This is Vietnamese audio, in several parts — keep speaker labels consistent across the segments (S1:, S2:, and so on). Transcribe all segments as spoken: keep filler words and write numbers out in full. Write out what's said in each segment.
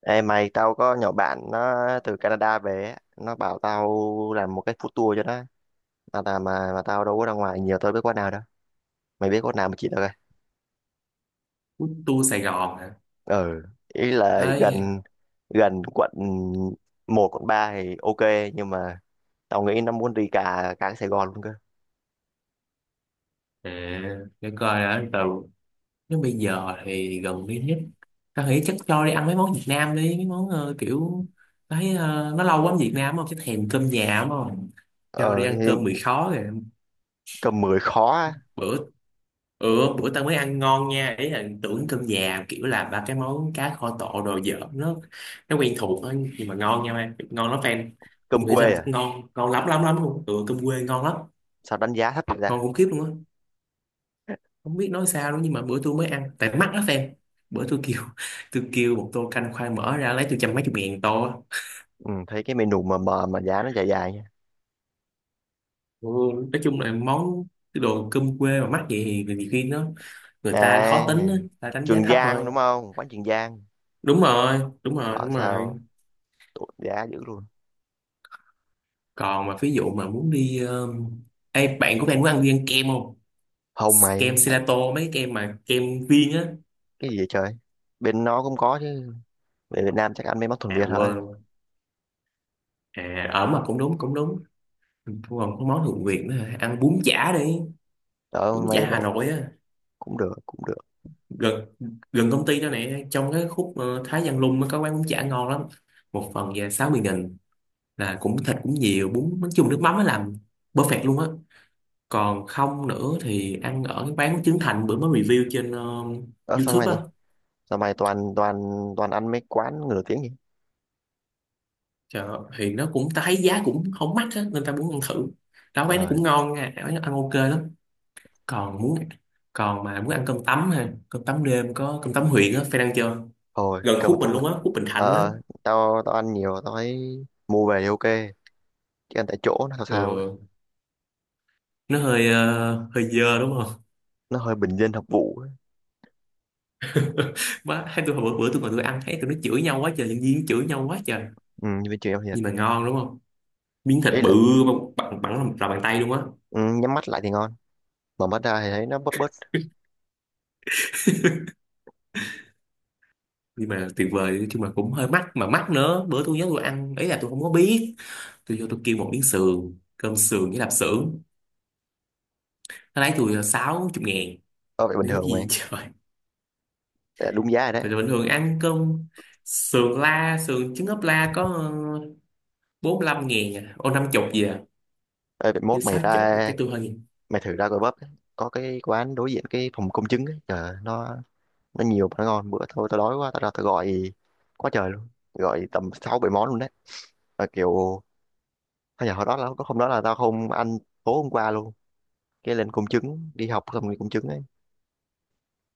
S1: Ê mày, tao có nhỏ bạn nó từ Canada về ấy. Nó bảo tao làm một cái food tour cho nó mà là mà, mà tao đâu có ra ngoài nhiều, tao biết quán nào đâu. Mày biết quán nào mà chỉ tao coi.
S2: Food tour Sài Gòn hả?
S1: Ừ, ý là
S2: Ơi,
S1: gần, gần quận một quận ba thì ok, nhưng mà tao nghĩ nó muốn đi cả cả Sài Gòn luôn cơ.
S2: à, để coi đã, từ nếu bây giờ thì gần đi nhất. Tao nghĩ chắc cho đi ăn mấy món Việt Nam đi, mấy món ờ, kiểu thấy ờ, nó lâu quá ở Việt Nam không, cái thèm cơm nhà đúng không? Cho đi
S1: Ờ thì
S2: ăn cơm mì khó rồi
S1: cơm mười khó á.
S2: bữa. Ừ, bữa tao mới ăn ngon nha, ý là tưởng cơm nhà kiểu là ba cái món cá kho tộ đồ dở, nó nó quen thuộc thôi nhưng mà ngon nha em, ngon lắm fan.
S1: Cơm
S2: Tôi nghĩ rằng
S1: quê à?
S2: ngon, ngon lắm lắm lắm luôn. Ừ, cơm quê ngon lắm,
S1: Sao đánh giá thấp vậy ra?
S2: ngon khủng khiếp luôn á. Không biết nói sao luôn nhưng mà bữa tôi mới ăn tại mắc lắm em. Bữa tôi kêu, tôi kêu một tô canh khoai mỡ ra lấy tôi trăm mấy chục ngàn tô á.
S1: Ừ, thấy cái menu mà mờ mà giá nó dài dài nha.
S2: Ừ, nói chung là món, cái đồ cơm quê mà mắc vậy thì nhiều khi nó, người ta khó
S1: À,
S2: tính á, người ta đánh giá
S1: Trường
S2: thấp thôi.
S1: Giang đúng không, quán Trường Giang?
S2: Đúng rồi, đúng rồi,
S1: Bảo
S2: đúng rồi.
S1: sao tụt giá dữ luôn.
S2: Còn mà ví dụ mà muốn đi um... ê, bạn của bạn muốn ăn đi ăn kem không?
S1: Không
S2: Kem
S1: mày.
S2: gelato, mấy cái kem mà kem viên á.
S1: Cái gì vậy trời? Bên nó cũng có chứ. Về Việt Nam chắc ăn mấy món thuần
S2: À
S1: Việt thôi.
S2: quên luôn. À ở mà cũng đúng, cũng đúng. Còn có món thượng viện nữa hả? Ăn bún chả đi,
S1: Đó
S2: bún chả
S1: mày
S2: Hà
S1: mày
S2: Nội á.
S1: Cũng được cũng được.
S2: Gần, gần công ty đó nè, trong cái khúc ờ, Thái Văn Lung nó có quán bún chả ngon lắm. Một phần về sáu mươi nghìn, là cũng thịt cũng nhiều bún, nói chung nước mắm nó làm perfect luôn á. Còn không nữa thì ăn ở cái quán của Trấn Thành bữa mới review trên ờ,
S1: Đó sao mày
S2: YouTube á.
S1: đi? Sao mày toàn toàn toàn ăn mấy quán người nổi tiếng vậy?
S2: Trời ơi, thì nó cũng, ta thấy giá cũng không mắc á nên ta muốn ăn thử. Đó, quán nó
S1: Trời.
S2: cũng ngon nha, quán nó ăn ok lắm. Còn muốn, còn mà muốn ăn cơm tấm ha, cơm tấm đêm có cơm tấm huyện á phải ăn chưa?
S1: Thôi
S2: Gần
S1: cầm
S2: khúc mình
S1: tụi mày.
S2: luôn á, khúc Bình Thạnh á.
S1: ờ ờ, tao tao ăn nhiều tao thấy mua về thì ok, chứ ăn tại chỗ nó sao sao á.
S2: Ừ. Nó hơi ờ, hơi dơ đúng không?
S1: Nó hơi bình dân hợp vụ á.
S2: Má hai tôi, hồi bữa bữa tôi ngồi tôi ăn thấy tụi nó chửi nhau quá trời, nhân viên chửi nhau quá trời.
S1: Ừ, như bên trường em thiệt.
S2: Nhưng mà ngon đúng không? Miếng thịt
S1: Ý
S2: bự,
S1: là.
S2: mà bằng bằng lòng- lòng bàn tay luôn á.
S1: Ừ, nhắm mắt lại thì ngon, mở mắt ra thì thấy nó bớt bớt.
S2: Nhưng mà tuyệt vời chứ, mà cũng hơi mắc, mà mắc nữa. Bữa tôi nhớ tôi ăn ấy là tôi không có biết, tôi vô tôi kêu một miếng sườn, cơm sườn với lạp xưởng, nó lấy tôi sáu chục ngàn.
S1: Ở vậy bình
S2: Nếu
S1: thường
S2: gì,
S1: mày.
S2: trời.
S1: Vậy là đúng giá rồi
S2: Vậy
S1: đấy.
S2: là bình thường ăn cơm sườn, la sườn trứng ốp la có ờ, bốn mươi lăm ngàn à, ô năm chục gì à.
S1: Ê, vậy
S2: Chứ
S1: mốt mày
S2: sáu chục
S1: ra,
S2: cái tôi hơi.
S1: mày thử ra Gò bắp, có cái quán đối diện cái phòng công chứng ấy. Trời ơi, nó nó nhiều món ngon. Bữa thôi tao đói quá tao ra tao gọi quá trời luôn, gọi tầm sáu bảy món luôn đấy. Mà kiểu thôi giờ hồi đó là có hôm đó là tao không ăn tối hôm qua luôn, cái lên công chứng đi học xong rồi công chứng ấy,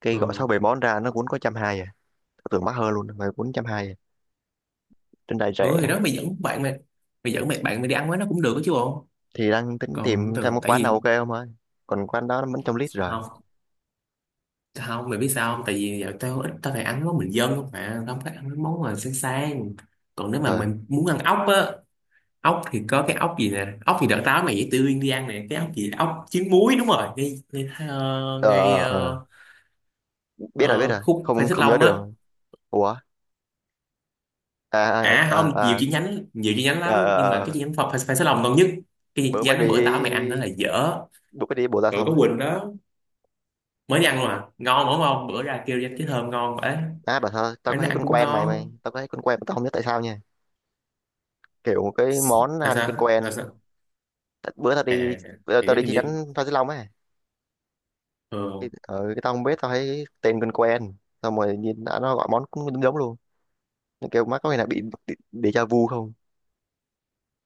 S1: cái gọi sáu
S2: Ừ.
S1: bảy món ra nó cũng có trăm hai à. Tao tưởng mắc hơn luôn mà cũng trăm hai à. Trên đài rẻ.
S2: Ừ thì đó, mày dẫn bạn mày, mày dẫn mày bạn mày đi ăn với nó cũng được đó chứ bộ.
S1: Thì đang tính
S2: Còn
S1: tìm
S2: từ
S1: xem có
S2: tại
S1: quán nào
S2: vì,
S1: ok không ơi. Còn quán đó nó vẫn trong list rồi.
S2: không không, mày biết sao không, tại vì giờ tao ít, tao phải ăn món bình dân không, mà tao không có ăn mấy món mà sáng sáng. Còn nếu mà
S1: Trời.
S2: mình muốn ăn ốc á, ốc thì có cái ốc gì nè, ốc thì đợt tao mày dễ tươi đi ăn nè, cái ốc gì ốc trứng muối đúng rồi, ngay ngay, ờ,
S1: ờ
S2: ngay
S1: ờ, ờ.
S2: ờ,
S1: ờ. Biết rồi biết
S2: ờ,
S1: rồi,
S2: khúc Phan
S1: không
S2: Xích
S1: không nhớ
S2: Long á.
S1: đường. Ủa. à à
S2: À,
S1: à,
S2: không, nhiều
S1: à.
S2: chi nhánh, nhiều chi nhánh
S1: ờ
S2: lắm,
S1: ờ,
S2: nhưng mà cái
S1: ờ.
S2: chi nhánh Phan Phan Xích Long ngon nhất. Cái chi
S1: Bữa mới
S2: nhánh bữa tao mày ăn
S1: đi,
S2: đó là dở.
S1: bữa mới đi Bồ Gia
S2: Rồi
S1: xong
S2: có
S1: á.
S2: Quỳnh đó, mới đi ăn luôn à, ngon đúng không? Bữa ra kêu cái thơm ngon vậy,
S1: À bảo sao tao
S2: quán
S1: có
S2: nó
S1: thấy
S2: ăn
S1: con
S2: cũng
S1: quen, mày
S2: ngon.
S1: mày tao có thấy con quen mà tao không nhớ tại sao nha. Kiểu một cái món
S2: Là
S1: ăn quen
S2: sao là
S1: quen.
S2: sao?
S1: Tại bữa tao đi,
S2: À
S1: bữa
S2: thì
S1: tao
S2: nếu
S1: đi
S2: hình
S1: chi
S2: như.
S1: nhánh Phan Xích Long á. Thì-
S2: Ừ.
S1: ờ cái tao không biết, tao thấy tên quen quen, xong rồi nhìn đã, nó gọi món cũng giống giống luôn. Nó kêu má có khi nào bị đi- déjà vu không?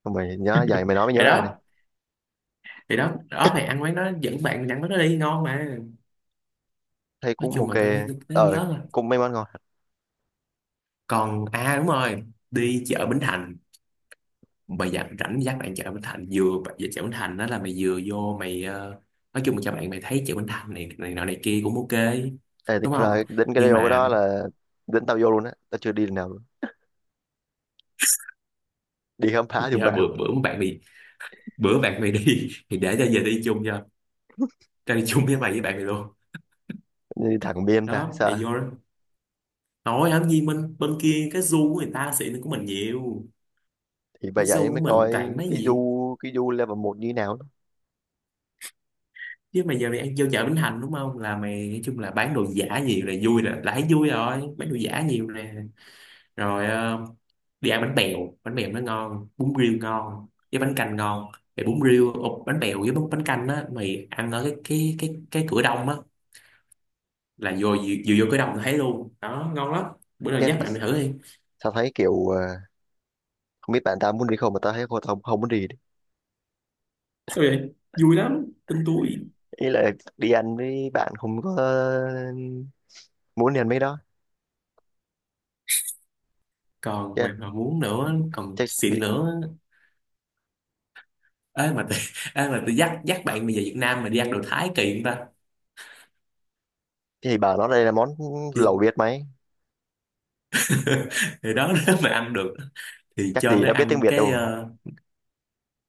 S1: Xong rồi nhớ vậy, mày nói mới
S2: thì
S1: nhớ lại này.
S2: đó thì đó đó, mày ăn quán đó, dẫn bạn ăn quán đó đi ngon mà.
S1: Thấy
S2: Nói
S1: cũng
S2: chung
S1: ok.
S2: là tao nhớ, tao
S1: Ờ,
S2: nhớ rồi.
S1: cũng mấy món ngon.
S2: Còn à đúng rồi, đi chợ Bến Thành, mày dặn rảnh dắt bạn chợ Bến Thành. Vừa về chợ Bến Thành đó, là mày vừa vô mày ờ, nói chung là cho bạn mày thấy chợ Bến Thành này này nọ này kia cũng ok
S1: Ê, thực
S2: đúng không?
S1: ra đến cái
S2: Nhưng
S1: điều cái đó
S2: mà
S1: là đến tao vô luôn á, tao chưa đi lần nào luôn. Đi khám phá giùm
S2: dạ,
S1: bạn.
S2: bữa bữa bạn mày, bữa bạn mày đi thì để cho giờ đi chung cho, ra đi chung với mày với bạn mày luôn.
S1: Đi thẳng biên ta
S2: Đó, mày
S1: sợ.
S2: vô đó nói làm gì, mình bên kia cái du của người ta xịn hơn của mình nhiều.
S1: Thì bởi
S2: Cái du
S1: vậy
S2: của
S1: mới
S2: mình
S1: coi
S2: toàn mấy
S1: cái
S2: gì,
S1: du, cái du level một như thế nào đó.
S2: chứ mày giờ mày ăn vô chợ Bến Thành đúng không, là mày nói chung là bán đồ giả nhiều là vui, là, là thấy vui rồi, bán đồ giả nhiều nè. Rồi ờ, đi ăn bánh bèo, bánh bèo nó ngon, bún riêu ngon với bánh canh ngon. Thì bún riêu ộp, bánh bèo với bún bánh canh á, mày ăn ở cái cái cái cái cửa đông á, là vừa vừa, vừa vô cửa đông thấy luôn đó ngon lắm. Bữa nào
S1: Chết
S2: dắt
S1: là
S2: bạn mày thử đi.
S1: sao, thấy kiểu ờ, không biết bạn tao muốn đi không mà tao thấy cô không, không muốn đi.
S2: Sao vậy? Vui lắm, tin tôi.
S1: Ý là đi ăn với bạn không có muốn đi ăn mấy đó.
S2: Còn
S1: chết là-
S2: bạn nào muốn nữa còn
S1: chắc
S2: xịn
S1: bị.
S2: nữa. Ấy mà tôi ấy mà tôi dắt, dắt bạn bây giờ Việt Nam mà đi ăn đồ Thái kỳ không ta?
S1: Thì bảo nó đây là món
S2: Đi.
S1: lẩu Việt mày.
S2: Thì đó, nếu mà ăn được thì
S1: Chắc
S2: cho
S1: gì
S2: nó
S1: nó biết tiếng
S2: ăn
S1: Việt
S2: cái
S1: đâu.
S2: ờ,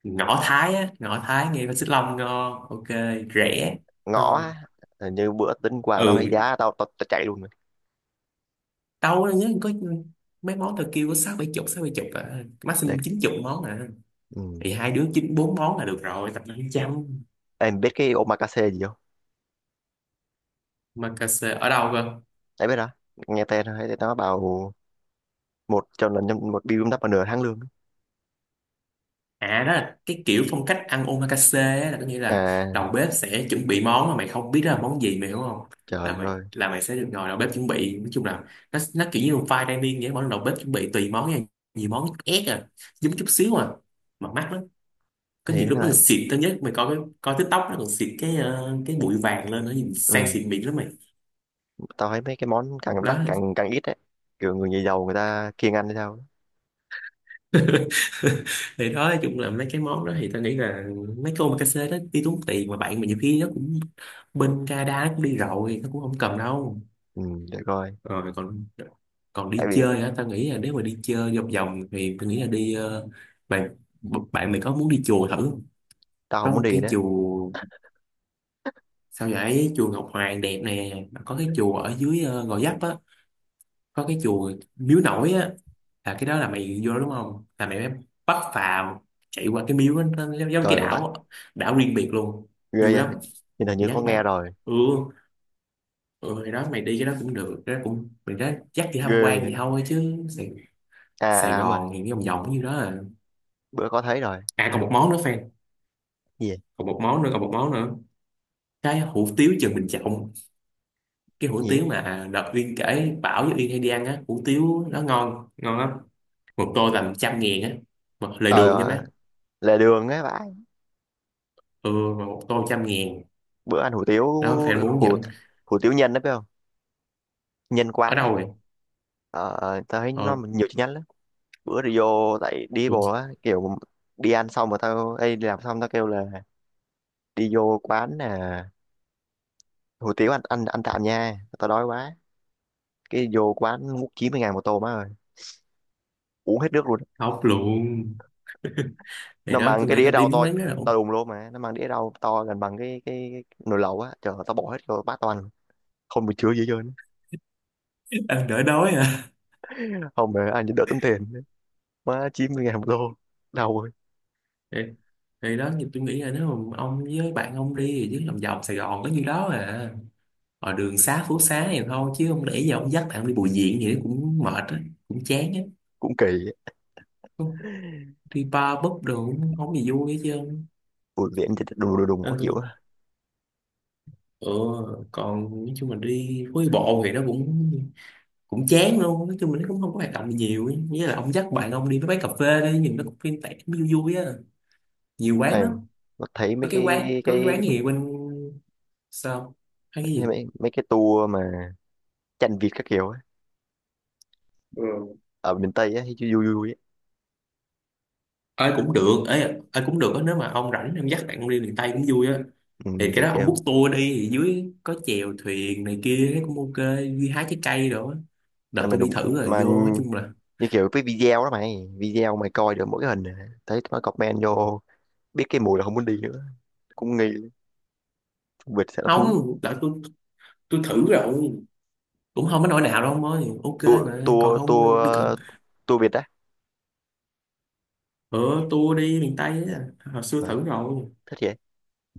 S2: ngõ Thái á, ngõ Thái ngay bên Xích Long ngon, ok, rẻ,
S1: Ngõ
S2: ngon.
S1: á. Ờ, như bữa tính quà tao thấy
S2: Ừ
S1: giá tao tao, tao chạy luôn rồi
S2: đâu nhớ có mấy món tôi kêu có sáu bảy chục, sáu bảy chục à. Maximum
S1: đấy.
S2: chín chục món à.
S1: Ừ.
S2: Thì hai đứa chín bốn món là được rồi, tập năm trăm.
S1: Em biết cái omakase gì không?
S2: Mà cà xê ở đâu cơ?
S1: Đấy biết đó. Nghe tên thôi thấy nó bảo một cho lần, một bill đắp vào nửa tháng lương.
S2: À đó là cái kiểu phong cách ăn omakase á, là có nghĩa là
S1: À
S2: đầu bếp sẽ chuẩn bị món mà mày không biết đó là món gì, mày hiểu không? Là
S1: trời
S2: mày,
S1: ơi.
S2: là mày sẽ được ngồi đầu bếp chuẩn bị, nói chung là nó nó kiểu như một file dining vậy, mỗi lần đầu bếp chuẩn bị tùy món nha, nhiều món ép à, giống chút xíu à. Mà mắc lắm. Có
S1: Thế
S2: nhiều lúc nó còn
S1: thôi.
S2: xịt tới nhất, mày coi cái coi TikTok nó còn xịt cái ờ, cái bụi vàng lên, nó nhìn sang
S1: Ừ,
S2: xịn mịn lắm mày.
S1: tao thấy mấy cái món càng
S2: Đó.
S1: đắt càng càng ít đấy. Kiểu người nhà giàu người ta kiêng ăn hay sao ấy.
S2: Thì đó, nói chung là mấy cái món đó thì tao nghĩ là mấy cái omakase đó đi tốn tiền, mà bạn mà nhiều khi nó cũng, bên Canada nó cũng đi rồi, nó cũng không cần đâu.
S1: Ừ, để coi.
S2: Rồi còn, còn
S1: Tại
S2: đi
S1: vì
S2: chơi á, tao nghĩ là nếu mà đi chơi vòng vòng thì tao nghĩ là đi ờ, bạn bạn mày có muốn đi chùa thử không?
S1: tao
S2: Có
S1: không muốn
S2: một
S1: đi
S2: cái
S1: đấy.
S2: chùa. Sao vậy? Chùa Ngọc Hoàng đẹp nè, mà có cái chùa ở dưới ờ, Gò Vấp á, có cái chùa Miếu Nổi á. Là cái đó là mày vô đó đúng không, là mày mới bắt phà chạy qua cái miếu đó, nó giống giống cái
S1: Trời ơi,
S2: đảo á. Đảo riêng biệt luôn,
S1: ghê
S2: vui
S1: vậy.
S2: lắm.
S1: Nhìn hình
S2: Mày
S1: như
S2: dắt
S1: có nghe
S2: mày.
S1: rồi.
S2: Ừ, ừ thì đó mày đi cái đó cũng được, cái đó cũng mình đó dắt đi tham
S1: Ghê
S2: quan thì
S1: vậy.
S2: thôi, chứ Sài,
S1: À,
S2: Sài
S1: à đúng rồi.
S2: Gòn thì cái vòng vòng như đó à.
S1: Bữa có thấy rồi.
S2: À còn một món nữa fan,
S1: Gì vậy?
S2: còn một món nữa, còn một món nữa, cái hủ tiếu Trần Bình Trọng. Cái
S1: Cái
S2: hủ
S1: gì
S2: tiếu
S1: vậy?
S2: mà đợt Uyên kể, Bảo với Uyên hay đi ăn á, hủ tiếu nó ngon, ngon lắm. Một tô tầm trăm ngàn á, một lời đường
S1: Ờ,
S2: nha
S1: à,
S2: má.
S1: lề đường ấy bạn.
S2: Ừ, mà một tô trăm ngàn
S1: Bữa ăn hủ tiếu,
S2: nó phải muốn
S1: hủ
S2: giận.
S1: hủ tiếu nhân đấy phải không? Nhân
S2: Ở
S1: quán đấy.
S2: đâu vậy?
S1: Ờ, tao thấy nó
S2: Ờ,
S1: nhiều chi nhánh lắm. Bữa thì vô tại đi
S2: tôi
S1: bộ á, kiểu đi ăn xong mà tao ê, đi làm xong tao kêu là đi vô quán nè, hủ tiếu ăn ăn ăn tạm nha tao đói quá. Cái vô quán múc chín mươi ngàn một tô má ơi, uống hết nước luôn.
S2: khóc luôn. Thì
S1: Nó
S2: đó
S1: mang
S2: tôi
S1: cái
S2: nghĩ
S1: đĩa
S2: là đi
S1: rau
S2: cái
S1: to,
S2: quán đó là ổn.
S1: to đùng luôn, mà nó mang đĩa rau to gần bằng cái cái, cái nồi lẩu á. Trời ơi, tao bỏ hết vô bát toàn không bị chứa gì hết trơn
S2: Ăn đỡ đói à.
S1: á. Không mà ăn đỡ tốn tiền. Má chín mươi ngàn một tô, đau ơi.
S2: Thì, thì đó như tôi nghĩ là nếu mà ông với bạn ông đi, chứ lòng vòng Sài Gòn có nhiêu đó à, ở đường xá phố xá này thôi, chứ không để giờ ông dắt bạn đi Bùi Viện vậy cũng mệt á, cũng chán á.
S1: Cũng kỳ á.
S2: Không, đi bar búp đồ cũng không gì vui hết chứ không.
S1: Ui, biển thì đùng đùng đùng khó
S2: Nên
S1: chịu
S2: tôi,
S1: á.
S2: ừ, còn nói chung là đi phố đi bộ thì nó cũng, cũng chán luôn, nói chung là nó cũng không có hoạt động gì nhiều ấy. Nghĩa là ông dắt bạn ông đi với quán cà phê đi, nhìn nó cũng yên tẻ cũng vui vui á, nhiều quán
S1: Em
S2: lắm.
S1: nó thấy
S2: Có
S1: mấy
S2: cái quán,
S1: cái
S2: có cái
S1: cái
S2: quán gì bên, sao, hay cái
S1: mấy,
S2: gì.
S1: mấy, mấy cái tour mà tranh Việt các kiểu á,
S2: Ừ.
S1: ở miền Tây á thì vui vui vui á.
S2: Ai cũng được ấy, ai cũng được á, nếu mà ông rảnh em dắt bạn ông đi miền Tây cũng vui á.
S1: Ừ,
S2: Thì cái
S1: để
S2: đó ông
S1: kêu.
S2: book tour đi, thì dưới có chèo thuyền này kia thấy cũng ok, đi hái trái cây rồi á.
S1: À,
S2: Đợt
S1: mà
S2: tôi đi
S1: đúng
S2: thử rồi,
S1: mà,
S2: vô nói chung là,
S1: như kiểu cái video đó mày, video mày coi được mỗi cái hình này. Thấy nó comment vô biết cái mùi là không muốn đi nữa. Cũng nghi Việt sẽ là thúi.
S2: không đợt tôi tôi thử rồi cũng không có nỗi nào đâu ông ơi, ok
S1: tour
S2: mà còn
S1: tour tour
S2: không đi cần.
S1: tour Việt đó.
S2: Ờ, tour đi miền Tây á, hồi xưa
S1: Trời
S2: thử rồi,
S1: thích vậy.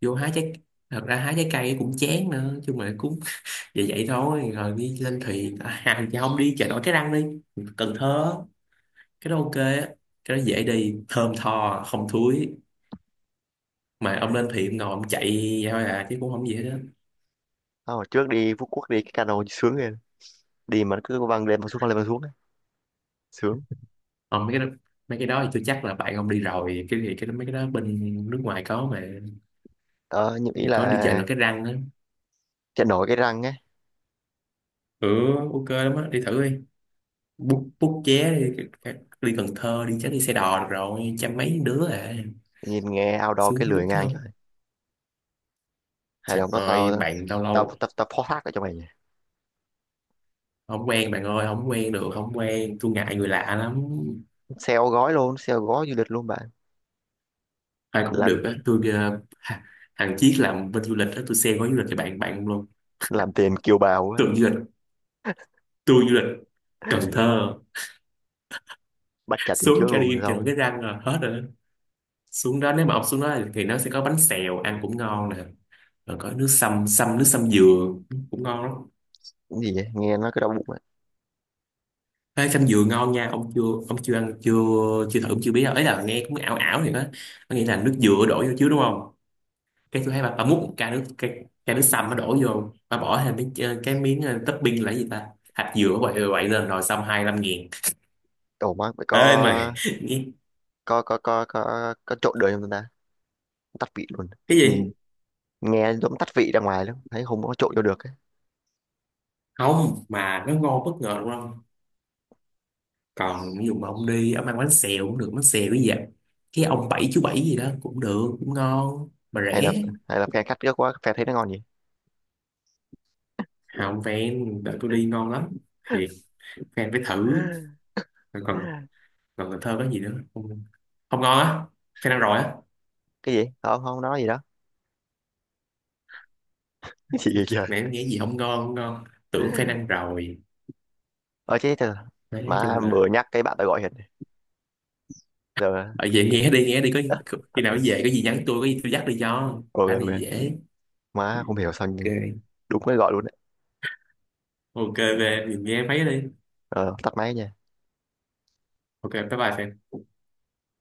S2: vô hái trái. Thật ra hái trái cây cũng chán nữa, chứ mà cũng vậy vậy thôi, rồi đi lên thuyền à, à, chứ không đi chợ nổi Cái Răng đi, Cần Thơ, cái đó ok á. Cái đó dễ đi, thơm tho không thúi, mà ông lên thuyền ông ngồi ông chạy, vậy thôi à chứ cũng không gì hết á.
S1: Ờ, trước đi Phú Quốc đi cái cano sướng rồi, đi mà nó cứ văng lên văng xuống văng lên văng xuống á. Sướng.
S2: Ông mấy cái đó, mấy cái đó thì tôi chắc là bạn ông đi rồi. Cái gì cái đó- mấy cái đó bên nước ngoài có mà.
S1: Đó nhưng ý
S2: Có đi chợ
S1: là
S2: nổi Cái Răng á.
S1: chạy nổi cái răng á.
S2: Ừ, ok lắm á, đi thử đi, bút bút vé đi, đi Cần Thơ đi chắc đi xe đò được rồi, trăm mấy đứa à.
S1: Nhìn nghe outdoor cái
S2: Xuống
S1: lười
S2: bút cái
S1: ngang trời.
S2: không,
S1: Hay là
S2: trời
S1: hôm đó
S2: ơi
S1: tao,
S2: bạn lâu
S1: tao
S2: lâu.
S1: tao tao phó thác ở cho mày nha.
S2: Không quen bạn ơi, không quen được, không quen, tôi ngại người lạ lắm.
S1: Sale gói luôn, sale gói du lịch luôn bạn.
S2: Ai cũng được
S1: làm
S2: á tôi ờ, ha- thằng Chiết làm bên du lịch á, tôi xem gói du lịch cho bạn bạn luôn.
S1: làm tiền kiều bào á.
S2: Tưởng du lịch, tôi du lịch Cần Thơ,
S1: Bắt trả tiền trước
S2: xuống cho
S1: luôn rồi
S2: đi cho
S1: xong.
S2: cái răng rồi hết rồi. Xuống đó, nếu mà ông xuống đó thì nó sẽ có bánh xèo ăn cũng ngon nè, rồi có nước sâm, sâm nước sâm dừa cũng ngon lắm.
S1: Cái gì vậy nghe nó cứ đau bụng.
S2: Ê, sâm dừa ngon nha, ông chưa, ông chưa ăn chưa, chưa thử ông chưa biết đâu, ấy là nghe cũng ảo ảo. Thì đó, có nghĩa là nước dừa đổ vô chứ đúng không. Cái tôi thấy bà, bà múc một chai nước, cái chai nước sâm nó đổ vô, bà bỏ thêm cái ch- cái miếng ờ, topping là cái gì ta, hạt dừa quậy ờ, quậy lên, rồi xong hai mươi lăm nghìn.
S1: Ổ má phải có
S2: Ê mày, nghe-
S1: có có có có có trộn được không ta? Tắt vị luôn.
S2: cái
S1: Nhìn
S2: gì,
S1: nghe giống tắt vị ra ngoài lắm, thấy không có trộn vô được ấy.
S2: không mà nó ngon bất ngờ đúng không. Còn ví dụ mà ông đi ông ăn bánh xèo cũng được, bánh xèo cái gì vậy, cái ông bảy, chú bảy gì đó cũng được, cũng ngon mà
S1: Hay là,
S2: rẻ.
S1: hay là phe khách ghét quá phe thấy nó ngon gì.
S2: Không fan, đợi tôi đi ngon lắm, thiệt, fan phải thử. Còn còn còn Cần Thơ có gì nữa không, không ngon á, fan ăn rồi á.
S1: Cái gì không không nói gì đó. Cái gì vậy trời.
S2: Mẹ em nghĩ gì, không ngon, không ngon, tưởng fan ăn rồi.
S1: Ờ chứ thật.
S2: Đấy, nói chung
S1: Má
S2: là
S1: vừa nhắc cái bạn ta gọi hiện giờ.
S2: ở về nghe đi, nghe đi, có khi nào về có gì nhắn tôi, có gì tôi dắt đi cho
S1: Ok
S2: cái này
S1: ok.
S2: dễ.
S1: Má không hiểu sao nhưng
S2: Ok.
S1: đúng mới gọi luôn đấy.
S2: Ok về mình nghe mấy đi.
S1: Ờ tắt máy nha.
S2: Ok bye bye Phan.